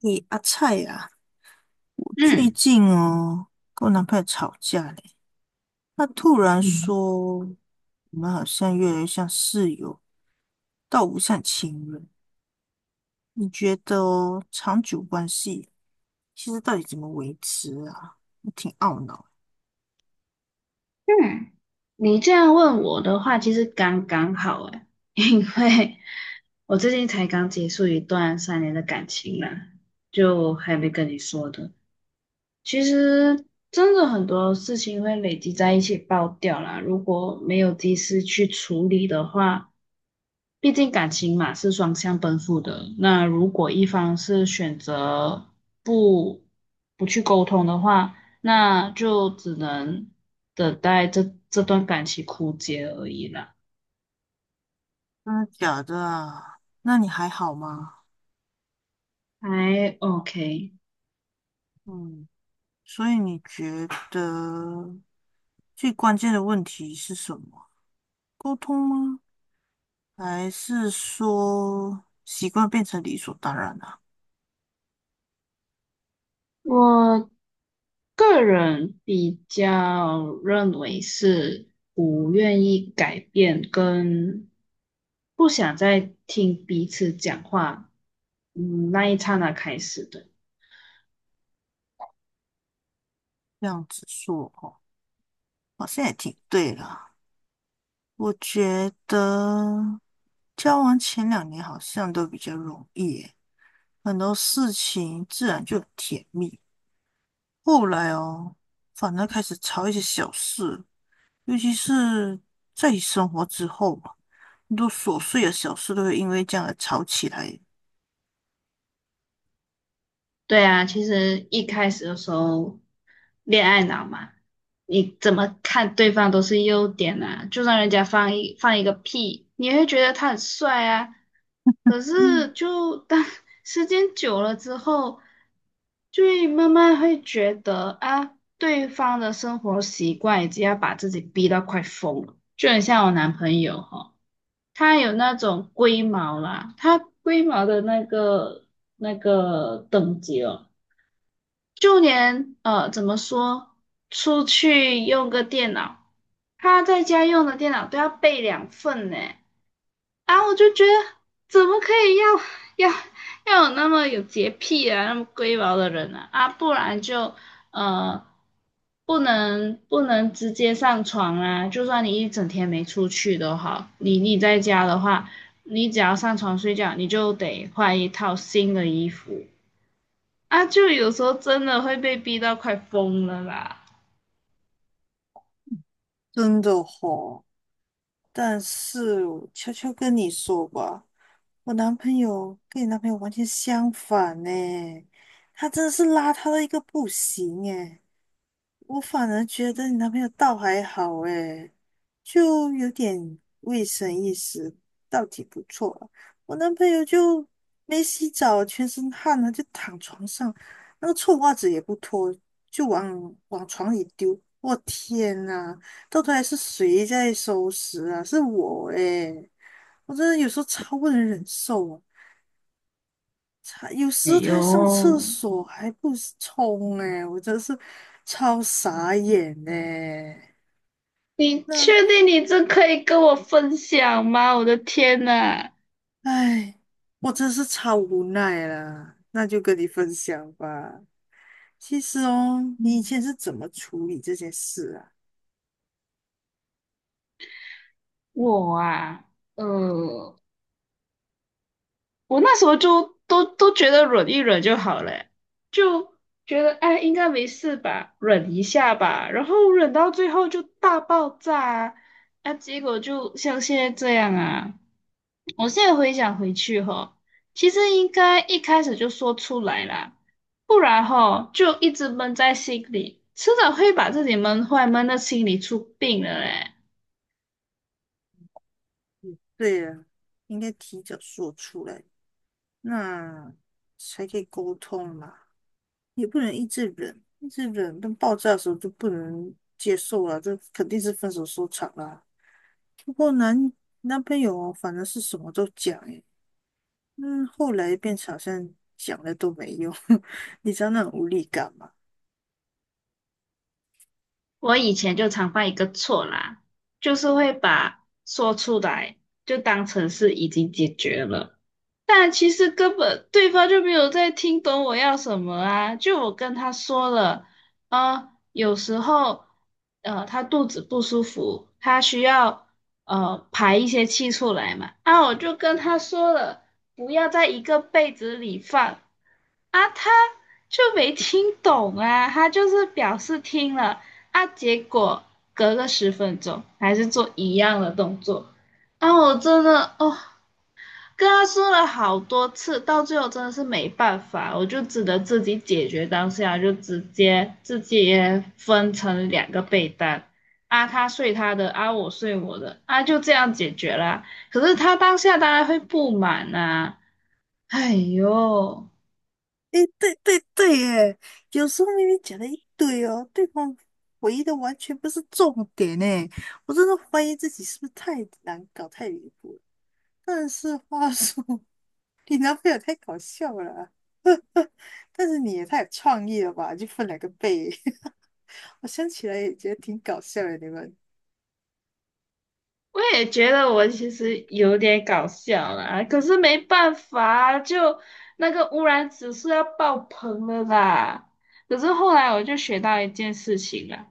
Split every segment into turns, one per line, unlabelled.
你阿菜呀、我最
嗯
近哦跟我男朋友吵架嘞，他突然
嗯，
说我们好像越来越像室友，倒不像情人。你觉得哦长久关系其实到底怎么维持啊？我挺懊恼。
嗯，你这样问我的话，其实刚刚好诶。因为我最近才刚结束一段三年的感情啦，就还没跟你说的。其实真的很多事情会累积在一起爆掉啦，如果没有及时去处理的话，毕竟感情嘛是双向奔赴的。那如果一方是选择不不去沟通的话，那就只能等待这段感情枯竭而已啦。
真的假的啊？那你还好吗？
还 OK。
嗯，所以你觉得最关键的问题是什么？沟通吗？还是说习惯变成理所当然了？
我个人比较认为是不愿意改变跟不想再听彼此讲话，嗯，那一刹那开始的。
这样子说哦，好像也挺对啦。我觉得交往前两年好像都比较容易耶，很多事情自然就很甜蜜。后来哦，反而开始吵一些小事，尤其是在一起生活之后嘛，很多琐碎的小事都会因为这样而吵起来。
对啊，其实一开始的时候，恋爱脑嘛，你怎么看对方都是优点啊。就算人家放一个屁，你也会觉得他很帅啊。可
嗯，
是就当 时间久了之后，就会慢慢会觉得啊，对方的生活习惯已经要把自己逼到快疯了。就很像我男朋友哈、他有那种龟毛啦，他龟毛的那个等级哦。就连怎么说，出去用个电脑，他在家用的电脑都要备两份呢。啊，我就觉得怎么可以要要要有那么有洁癖啊，那么龟毛的人啊？啊，不然就呃，不能直接上床啊。就算你一整天没出去都好，你在家的话，你只要上床睡觉，你就得换一套新的衣服。啊，就有时候真的会被逼到快疯了啦。
真的吼、但是我悄悄跟你说吧。我男朋友跟你男朋友完全相反呢，他真的是邋遢到一个不行诶，我反而觉得你男朋友倒还好诶，就有点卫生意识，倒挺不错了。我男朋友就没洗澡，全身汗了就躺床上，那个臭袜子也不脱，就往往床里丢。我天呐，到头来是谁在收拾啊？是我诶，我真的有时候超不能忍受啊。他有
哎
时他上厕
呦，
所还不冲哎、我真是超傻眼呢。
你
那
确定你这可以跟我分享吗？我的天呐，
哎，我真是超无奈啦。那就跟你分享吧。其实哦，你以前是怎么处理这件事啊？
我啊，呃，我那时候就都觉得忍一忍就好了欸，就觉得哎应该没事吧，忍一下吧，然后忍到最后就大爆炸啊，啊结果就像现在这样啊。我现在回想回去哈，其实应该一开始就说出来啦，不然哈就一直闷在心里，迟早会把自己闷坏，闷到心里出病了嘞。
嗯，对啊，应该提早说出来，那才可以沟通嘛。也不能一直忍，一直忍，等爆炸的时候就不能接受了，这肯定是分手收场啦。不过男那边有，反正是什么都讲诶。嗯，后来变成好像讲了都没用，你知道那种无力感吗？
我以前就常犯一个错啦，就是会把说出来就当成是已经解决了，但其实根本对方就没有在听懂我要什么啊。就我跟他说了，啊，有时候他肚子不舒服，他需要排一些气出来嘛，啊，我就跟他说了，不要在一个被子里放，啊，他就没听懂啊，他就是表示听了啊，结果隔个十分钟还是做一样的动作，啊，我真的哦，跟他说了好多次，到最后真的是没办法，我就只能自己解决当下，就直接自己分成两个被单。啊，他睡他的，啊，我睡我的，啊，就这样解决啦。可是他当下当然会不满啊，哎呦。
诶，对对对，耶，有时候明明讲了一堆哦，对方回忆的完全不是重点诶，我真的怀疑自己是不是太难搞、太离谱了。但是话说，你男朋友太搞笑了啊，但是你也太有创意了吧，就分两个背，我想起来也觉得挺搞笑的，你们。
我也觉得我其实有点搞笑啦，可是没办法，就那个污染指数要爆棚了啦。可是后来我就学到一件事情啦，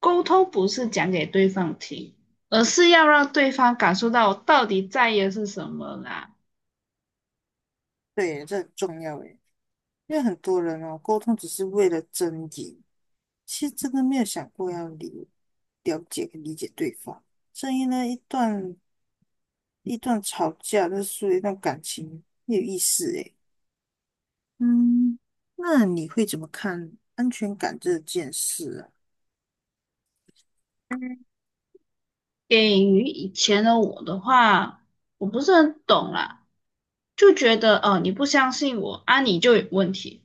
沟通不是讲给对方听，而是要让对方感受到我到底在意的是什么啦。
对，这很重要诶。因为很多人哦，沟通只是为了争赢，其实真的没有想过要了解跟理解对方。所以呢，一段吵架，那是一段感情，没有意思诶。嗯，那你会怎么看安全感这件事啊？
给予以前的我的话，我不是很懂啦，就觉得哦，你不相信我啊，你就有问题。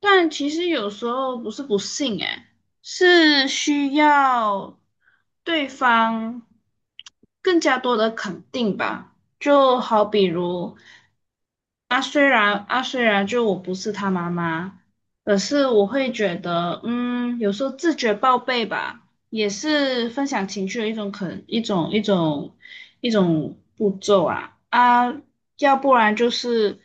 但其实有时候不是不信，诶，是需要对方更加多的肯定吧。就好比如啊，虽然啊，虽然就我不是他妈妈，可是我会觉得，嗯，有时候自觉报备吧，也是分享情绪的一种步骤啊，要不然就是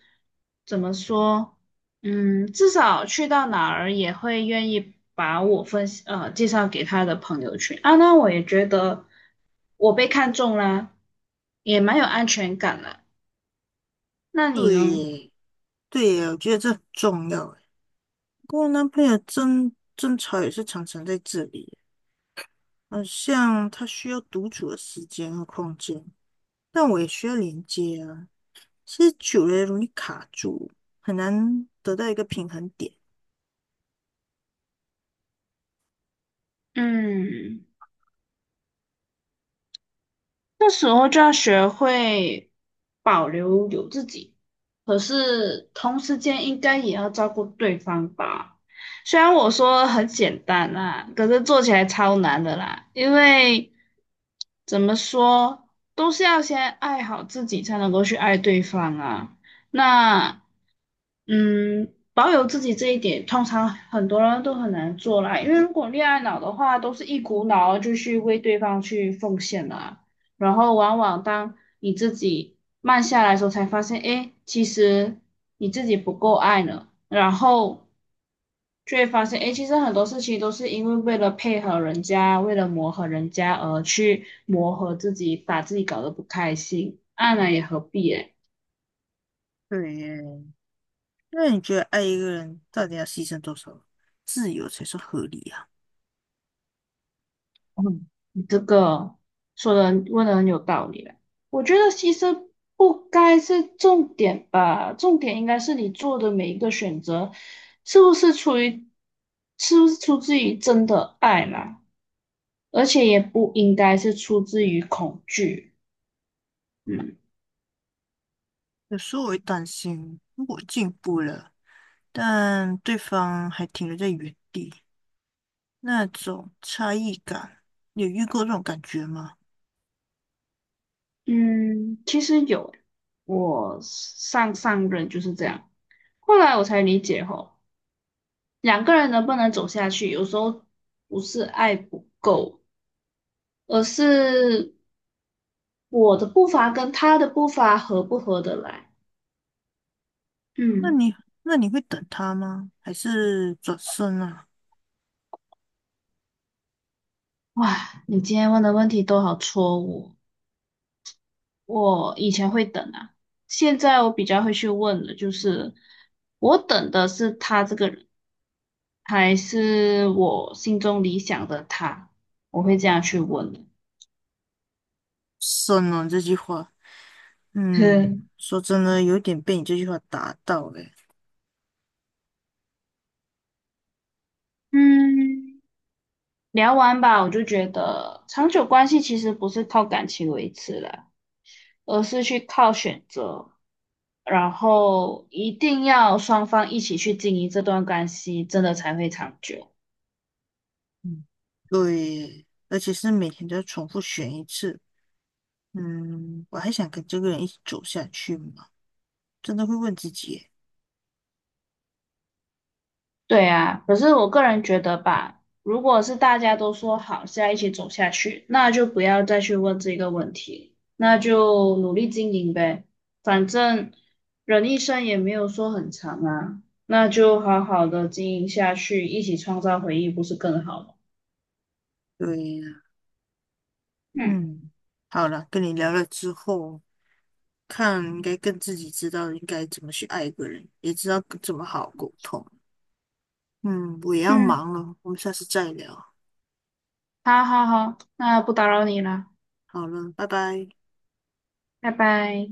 怎么说？嗯，至少去到哪儿也会愿意把我分享介绍给他的朋友圈啊。那我也觉得我被看中啦，也蛮有安全感的。那你
对
呢？
耶，对耶，我觉得这很重要诶。跟我男朋友争吵也是常常在这里耶，好像他需要独处的时间和空间，但我也需要连接啊。其实久了容易卡住，很难得到一个平衡点。
嗯。这时候就要学会保留有自己，可是同时间应该也要照顾对方吧。虽然我说很简单啦，可是做起来超难的啦，因为怎么说，都是要先爱好自己，才能够去爱对方啊。那，嗯，保有自己这一点，通常很多人都很难做啦，因为如果恋爱脑的话，都是一股脑儿就去为对方去奉献啦。然后往往当你自己慢下来的时候，才发现，哎，其实你自己不够爱呢。然后却发现，哎，其实很多事情都是因为为了配合人家，为了磨合人家而去磨合自己，把自己搞得不开心，爱呢也何必哎。
对耶，那你觉得爱一个人到底要牺牲多少自由才算合理啊？
嗯，你这个说的问的很有道理嘞。我觉得牺牲不该是重点吧，重点应该是你做的每一个选择，是不是出于，是不是出自于真的爱啦，而且也不应该是出自于恐惧。嗯
有时候我会担心，如果进步了，但对方还停留在原地，那种差异感，你有遇过这种感觉吗？
嗯，其实有欸，我上上任就是这样，后来我才理解吼，两个人能不能走下去，有时候不是爱不够。而是我的步伐跟他的步伐合不合得来？
那
嗯，
你那你会等他吗？还是转身啊？
哇，你今天问的问题都好戳我。我以前会等啊，现在我比较会去问的就是，我等的是他这个人，还是我心中理想的他？我会这样去问的
身啊，这句话，嗯，
哼
说真的，有点被你这句话打到诶。
嗯，聊完吧，我就觉得长久关系其实不是靠感情维持了，而是去靠选择。然后一定要双方一起去经营这段关系，真的才会长久。
嗯，对，而且是每天都要重复选一次。嗯，我还想跟这个人一起走下去嘛？真的会问自己耶。
对啊，可是我个人觉得吧，如果是大家都说好是要一起走下去，那就不要再去问这个问题，那就努力经营呗。反正人一生也没有说很长啊，那就好好的经营下去，一起创造回忆，不是更好吗？
对呀，
嗯
嗯，好了，跟你聊了之后，看应该更自己知道应该怎么去爱一个人，也知道怎么好好沟通。嗯，我也要
嗯，
忙了，我们下次再聊。
好好好，那不打扰你了，
好了，拜拜。
拜拜。